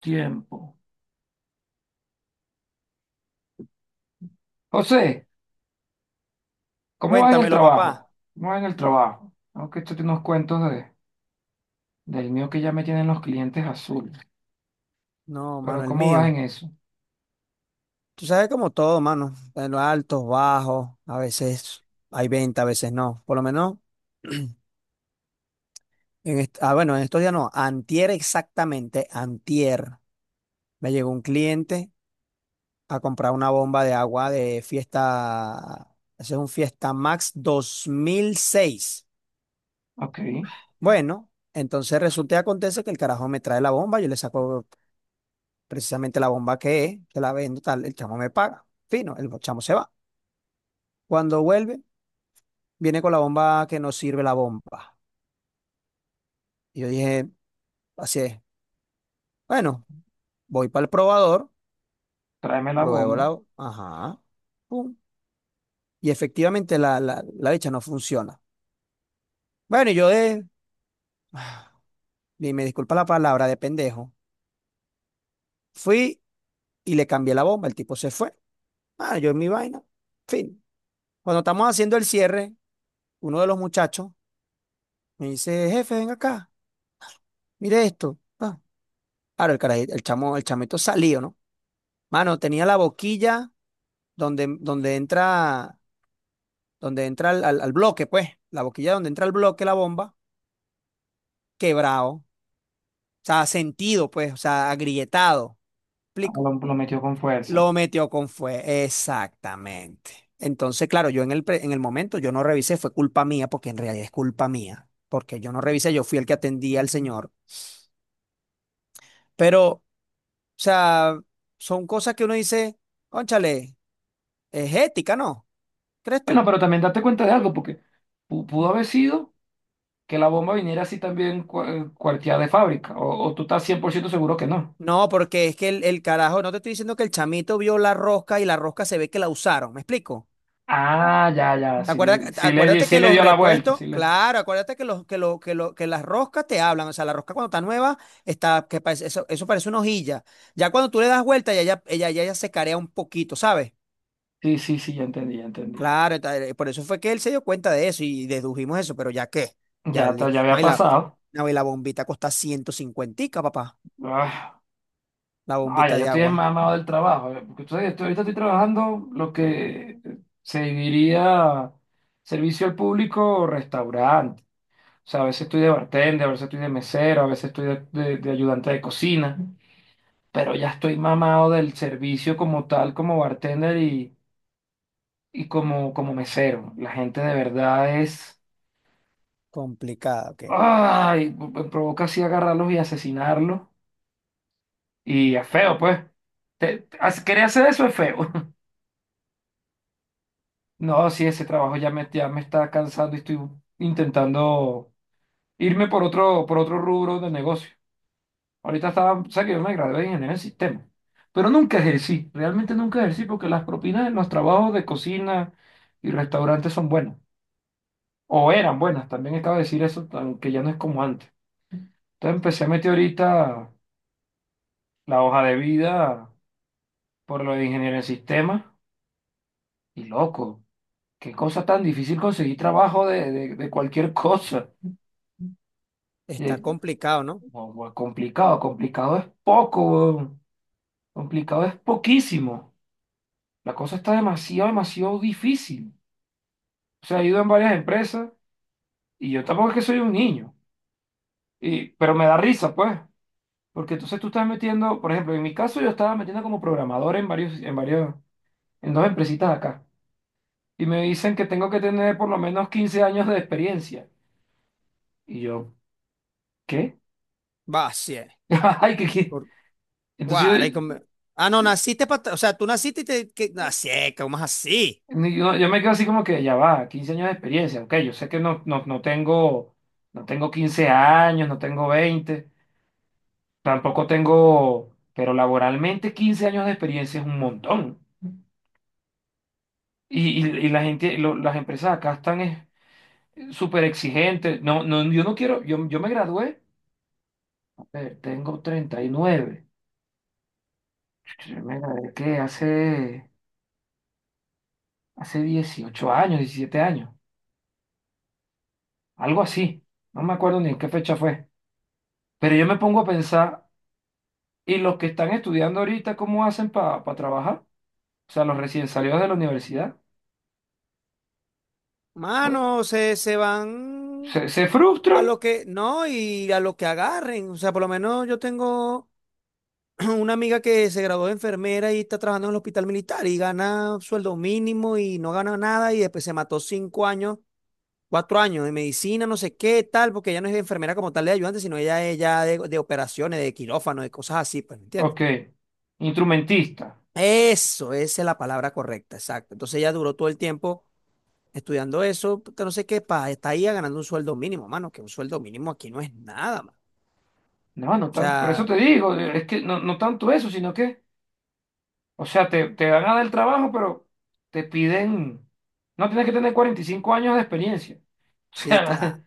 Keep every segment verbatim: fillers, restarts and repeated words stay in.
Tiempo. José, ¿cómo va en el Cuéntamelo, papá. trabajo? ¿Cómo va en el trabajo? Aunque esto tiene unos cuentos de, del mío que ya me tienen los clientes azules. No, Pero mano, el ¿cómo vas en mío. eso? Tú sabes, como todo, mano. En los altos, bajos, a veces hay venta, a veces no. Por lo menos, en est- ah, bueno, en estos días no. Antier exactamente, antier. Me llegó un cliente a comprar una bomba de agua de fiesta. Ese es un Fiesta Max dos mil seis. Ok, Bueno, entonces resulta y acontece que el carajo me trae la bomba. Yo le saco precisamente la bomba que es, que la vendo, tal. El chamo me paga, fino, el chamo se va. Cuando vuelve, viene con la bomba que no sirve la bomba. Y yo dije, así es. Bueno, voy para el probador, tráeme la pruebo bomba. la, ajá, pum. Y efectivamente la, la, la bicha no funciona. Bueno, y yo de, y me disculpa la palabra, de pendejo, fui y le cambié la bomba, el tipo se fue. Ah, yo en mi vaina. Fin. Cuando estamos haciendo el cierre, uno de los muchachos me dice, jefe, ven acá, mire esto. Ah, ahora el carajito, el chamo, el chamito salió, ¿no? Mano, tenía la boquilla donde, donde entra donde entra al, al- al bloque, pues, la boquilla donde entra el bloque, la bomba, quebrado, o sea, sentido, pues, o sea, agrietado. Ah, Lo, ¿Explico? lo metió con fuerza. Lo metió con fuego, exactamente. Entonces, claro, yo en el, pre- en el momento yo no revisé, fue culpa mía, porque en realidad es culpa mía, porque yo no revisé, yo fui el que atendía al señor, pero, o sea, son cosas que uno dice, cónchale, es ética, ¿no? ¿Crees Bueno, tú? pero también date cuenta de algo, porque pu- pudo haber sido que la bomba viniera así también cua- cuarteada de fábrica. O, o tú estás cien por ciento seguro que no. No, porque es que el, el carajo, no te estoy diciendo que el chamito vio la rosca y la rosca se ve que la usaron, ¿me explico? Ah, ya, ya, sí Acuerda- le, sí le, di- Acuérdate sí que le los dio la vuelta. repuestos, Sí, le, claro, acuérdate que los, que lo, que lo, que las roscas te hablan. O sea, la rosca cuando está nueva, está, que parece- eso, eso parece una hojilla. Ya cuando tú le das vuelta, ya, ya, ella, ya, ya se carea un poquito, ¿sabes? sí, sí, sí, ya entendí, ya entendí. Claro, está- eh, por eso fue que él se dio cuenta de eso y dedujimos eso, pero ya qué, ya Ya, te- le- ya no, había y la, pasado. no, y la bombita cuesta ciento cincuentica, papá. Ah. La No, ya bombita yo de estoy agua. enmamado del trabajo. eh, Porque ustedes, estoy- ahorita estoy trabajando lo que se diría servicio al público o restaurante. O sea, a veces estoy de bartender, a veces estoy de mesero, a veces estoy de, de- de ayudante de cocina. Pero ya estoy mamado del servicio como tal, como bartender y, y como, como mesero. La gente de verdad es... Complicada, ok. ¡Ay! Me provoca así agarrarlos y asesinarlos. Y es feo, pues. Te- te- hace- querer hacer eso es feo. No, sí, ese trabajo ya me, ya me está cansando y estoy intentando irme por otro, por otro rubro de negocio. Ahorita estaba, o sea que yo me gradué de ingeniero en sistema, pero nunca ejercí, realmente nunca ejercí porque las propinas en los trabajos de cocina y restaurantes son buenas, o eran buenas, también acabo de decir eso, aunque ya no es como antes. Entonces empecé a meter ahorita la hoja de vida por lo de ingeniero en sistema y loco, qué cosa tan difícil conseguir trabajo de, de de cualquier cosa. Está Eh, complicado, ¿no? No, güey, complicado, complicado es poco, weón. Complicado es poquísimo. La cosa está demasiado, demasiado difícil. O sea, he ido en varias empresas y yo tampoco es que soy un niño, y, pero me da risa, pues, porque entonces tú estás metiendo, por ejemplo, en mi caso yo estaba metiendo como programador en varios, en varios, en dos empresitas de acá y me dicen que tengo que tener por lo menos quince años de experiencia. Y yo, ¿qué? Va, sí. eh. Ay, ¿qué, qué? Guaray, Entonces, come- ah, no, naciste para. O sea, tú naciste y te. Que. Así, como es así. Ni- Yo, yo me quedo así como que ya va, quince años de experiencia. Ok, yo sé que no, no, no tengo, no tengo quince años, no tengo veinte tampoco tengo, pero laboralmente quince años de experiencia es un montón. Y, y, y la gente, lo- las empresas acá están es, súper exigentes. No, no, yo no quiero, yo, yo me gradué, a ver, tengo treinta y nueve. Yo me gradué que hace, hace dieciocho años, diecisiete años, algo así. No me acuerdo ni en qué fecha fue. Pero yo me pongo a pensar. Y los que están estudiando ahorita, ¿cómo hacen para trabajar? O sea, los recién salidos de la universidad. Bueno, Mano, se, se van ¿se, se a frustran? lo que. No, y a lo que agarren. O sea, por lo menos yo tengo una amiga que se graduó de enfermera y está trabajando en el hospital militar y gana sueldo mínimo y no gana nada, y después se mató cinco años, cuatro años de medicina, no sé qué, tal, porque ella no es enfermera como tal de ayudante, sino ella es ya de, de operaciones, de quirófano, de cosas así, pues, ¿me entiendes? Ok. Instrumentista. Eso, esa es la palabra correcta, exacto. Entonces ella duró todo el tiempo estudiando eso, que no sé qué, pa, está ahí ganando un sueldo mínimo, mano, que un sueldo mínimo aquí no es nada, mano. No, no O tan, por eso sea, te digo, eh, es que no, no tanto eso, sino que, o sea, te, te van a dar el trabajo, pero te piden, no tienes que tener cuarenta y cinco años de experiencia. O sí, claro, sea,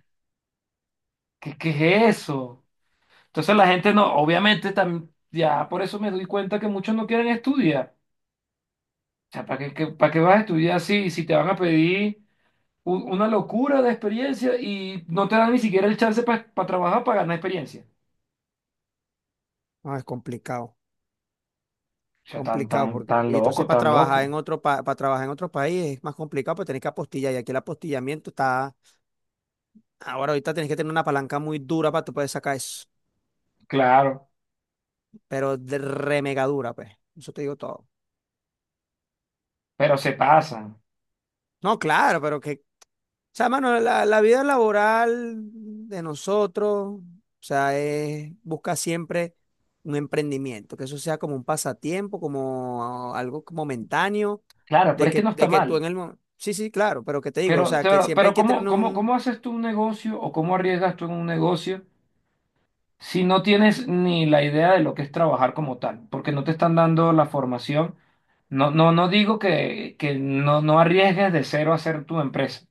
¿qué, qué es eso? Entonces la gente no, obviamente, tam- ya por eso me doy cuenta que muchos no quieren estudiar. O sea, ¿para qué, qué- para qué vas a estudiar si, si te van a pedir u- una locura de experiencia y no te dan ni siquiera el chance para trabajar, para ganar experiencia? no, es complicado, O sea, tan, complicado, tan, porque, tan y entonces loco, para tan trabajar en loco. otro, pa- para trabajar en otro país es más complicado, porque tenés que apostillar, y aquí el apostillamiento está, ahora ahorita tenés que tener una palanca muy dura para tú poder sacar eso, Claro, pero de re mega dura, pues, eso te digo todo. pero se pasan. No, claro, pero que, o sea, mano, la, la vida laboral de nosotros, o sea, es buscar siempre un emprendimiento, que eso sea como un pasatiempo, como algo momentáneo, Claro, de pero es que que, no está de que tú en mal. el momento. Sí, sí, claro, pero que te digo, o Pero, sea, que pero, siempre hay pero que tener ¿cómo, cómo, un. cómo haces tú un negocio o cómo arriesgas tú en un negocio si no tienes ni la idea de lo que es trabajar como tal? Porque no te están dando la formación. No, no, no digo que, que no, no arriesgues de cero a hacer tu empresa,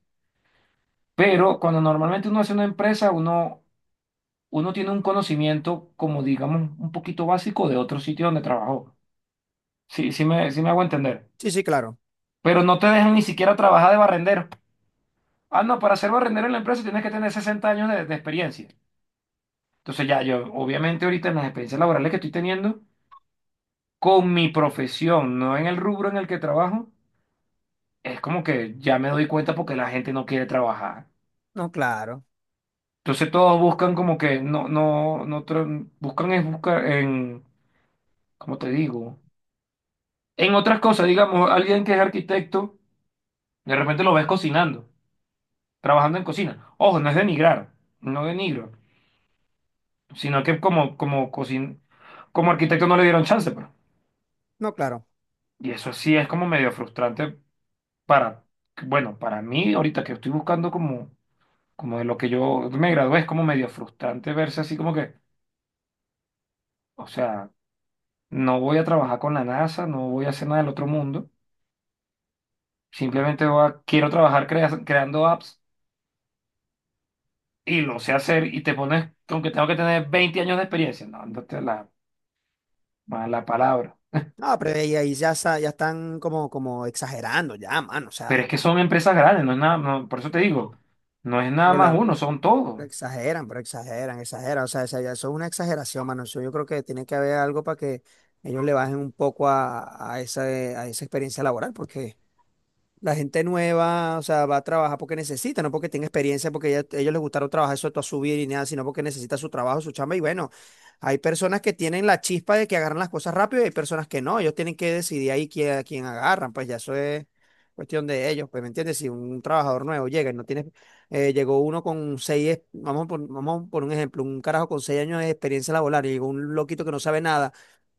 pero cuando normalmente uno hace una empresa, uno uno tiene un conocimiento como digamos un poquito básico de otro sitio donde trabajó. Sí, sí me, sí me hago entender. Sí, sí, claro. Pero no te dejan ni siquiera trabajar de barrendero. Ah, no, para ser barrendero en la empresa tienes que tener sesenta años de, de experiencia. Entonces ya yo, obviamente ahorita en las experiencias laborales que estoy teniendo, con mi profesión, no en el rubro en el que trabajo, es como que ya me doy cuenta porque la gente no quiere trabajar. No, claro. Entonces todos buscan como que no, no, no, tra- buscan es buscar en, ¿cómo te digo? En otras cosas, digamos, alguien que es arquitecto, de repente lo ves cocinando, trabajando en cocina. Ojo, no es denigrar, no denigro, sino que como, como, cocin como arquitecto no le dieron chance, pues. No, claro. Y eso sí es como medio frustrante para, bueno, para mí ahorita que estoy buscando como, como de lo que yo me gradué, es como medio frustrante verse así como que, o sea, no voy a trabajar con la NASA, no voy a hacer nada del otro mundo, simplemente voy a- quiero trabajar crea- creando apps y lo sé hacer y te pones con que tengo que tener veinte años de experiencia. No, no te la mala palabra. No, pero ahí, ahí ya, sa- ya están como, como exagerando, ya, mano, o Pero es sea. que son empresas grandes, no es nada, no, por eso te digo, no es nada Pero más la, uno, son todos. pero exageran, pero exageran, exageran. O sea, esa- ya eso es una exageración, mano. Eso, yo creo que tiene que haber algo para que ellos le bajen un poco a, a esa, a esa experiencia laboral, porque la gente nueva, o sea, va a trabajar porque necesita, no porque tenga experiencia, porque ya- ellos les gustaron trabajar eso a subir y nada, sino porque necesita su trabajo, su chamba. Y bueno, hay personas que tienen la chispa de que agarran las cosas rápido y hay personas que no. Ellos tienen que decidir ahí quién, a quién agarran, pues ya eso es cuestión de ellos. Pues, ¿me entiendes? Si un trabajador nuevo llega y no tiene, eh, llegó uno con seis, es- vamos por, vamos por un ejemplo, un carajo con seis años de experiencia laboral y llegó un loquito que no sabe nada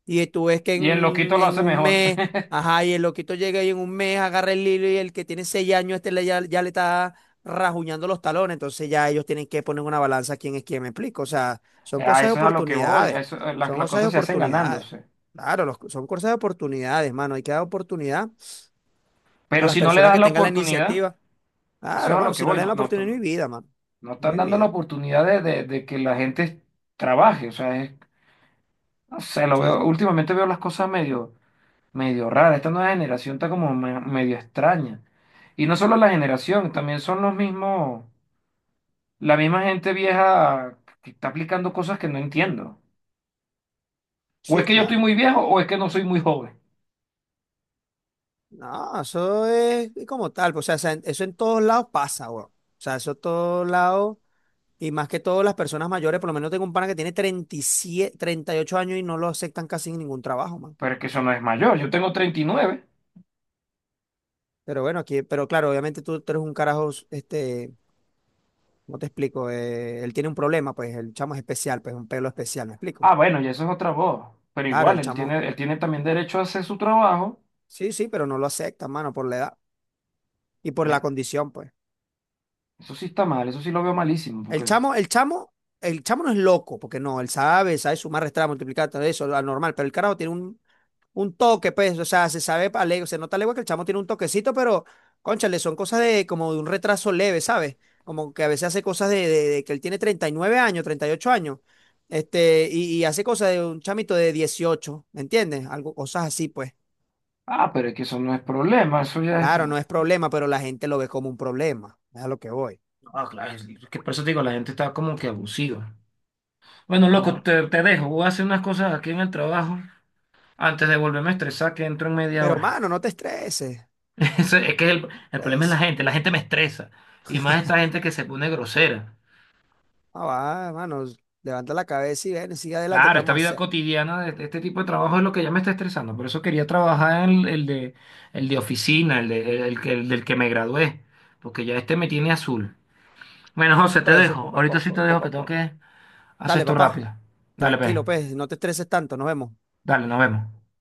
y tú ves que Y el en, loquito lo en hace un mejor. mes, ajá, y el loquito llega y en un mes agarra el hilo, y el que tiene seis años, este le, ya, ya le está rajuñando los talones. Entonces ya ellos tienen que poner una balanza quién es quién, me explico. O sea, son A cosas de eso es a lo que voy, a oportunidades. eso, eh, las, Son las cosas de cosas se hacen oportunidades. ganándose. Claro, los- son cosas de oportunidades, mano. Hay que dar oportunidad a Pero las si no le personas das que la tengan la oportunidad, iniciativa. eso es Claro, a lo mano, que si no voy, le dan no, la no, oportunidad, no hay están- vida, mano. no No están hay dando la vida. oportunidad de, de- de que la gente trabaje. O sea, es- no sé, lo Sí, de veo, bola. últimamente veo las cosas medio. Medio rara. Esta nueva generación está como me- medio extraña. Y no solo la generación, también son los mismos, la misma gente vieja que está aplicando cosas que no entiendo. O es Sí, que yo estoy claro. muy viejo o es que no soy muy joven. No, eso es como tal, pues, o sea, esa- eso en todos lados pasa, güey. O sea, eso en todos lados, y más que todo las personas mayores, por lo menos tengo un pana que tiene treinta y siete, treinta y ocho años y no lo aceptan casi en ningún trabajo, man. Pero es que eso no es mayor, yo tengo treinta y nueve. Pero bueno, aquí, pero claro, obviamente tú, tú eres un carajo, este, ¿cómo te explico? Eh, él tiene un problema, pues el chamo es especial, pues un pelo especial, ¿me explico? Ah, bueno, ya eso es otra voz. Pero Claro, igual, el él chamo, tiene, él tiene también derecho a hacer su trabajo. sí, sí, pero no lo acepta, mano, por la edad y por la Eh, condición, pues. Eso sí está mal, eso sí lo veo malísimo, El porque, chamo, el chamo, el chamo no es loco, porque no, él sabe, sabe sumar, restar, multiplicar, todo eso, lo normal, pero el carajo tiene un, un toque, pues, o sea, se sabe, a le- se nota legua que el chamo tiene un toquecito, pero cónchale, son cosas de como de un retraso leve, ¿sabes? Como que a veces hace cosas de, de- de que él tiene treinta y nueve años, treinta y ocho años, este, y, y hace cosas de un chamito de dieciocho. ¿Me entiendes? Algo, cosas así, pues. ah, pero es que eso no es problema, eso ya es... Claro, no es problema, pero la gente lo ve como un problema, es a lo que voy. Ah, claro, es que por eso te digo, la gente está como que abusiva. Bueno, loco, Como, te, te dejo. Voy a hacer unas cosas aquí en el trabajo antes de volverme a estresar, que entro en media pero hora. mano, no te estreses. Eso es que el, el problema es la es- gente. La gente me estresa. Y más esta gente que se pone grosera. Ah, va, hermano, levanta la cabeza y ven, sigue adelante. ¿Qué Claro, esta vamos a vida hacer? cotidiana de este este tipo de trabajo es lo que ya me está estresando. Por eso quería trabajar en el, el de, el de oficina, el, de, el, el que- el del que me gradué. Porque ya este me tiene azul. Bueno, José, te Pero eso es dejo. poco a Ahorita sí te poco, dejo poco que a tengo poco. que hacer Dale, esto papá, rápido. Dale, pues. tranquilo, pues, no te estreses tanto, nos vemos. Dale, nos vemos.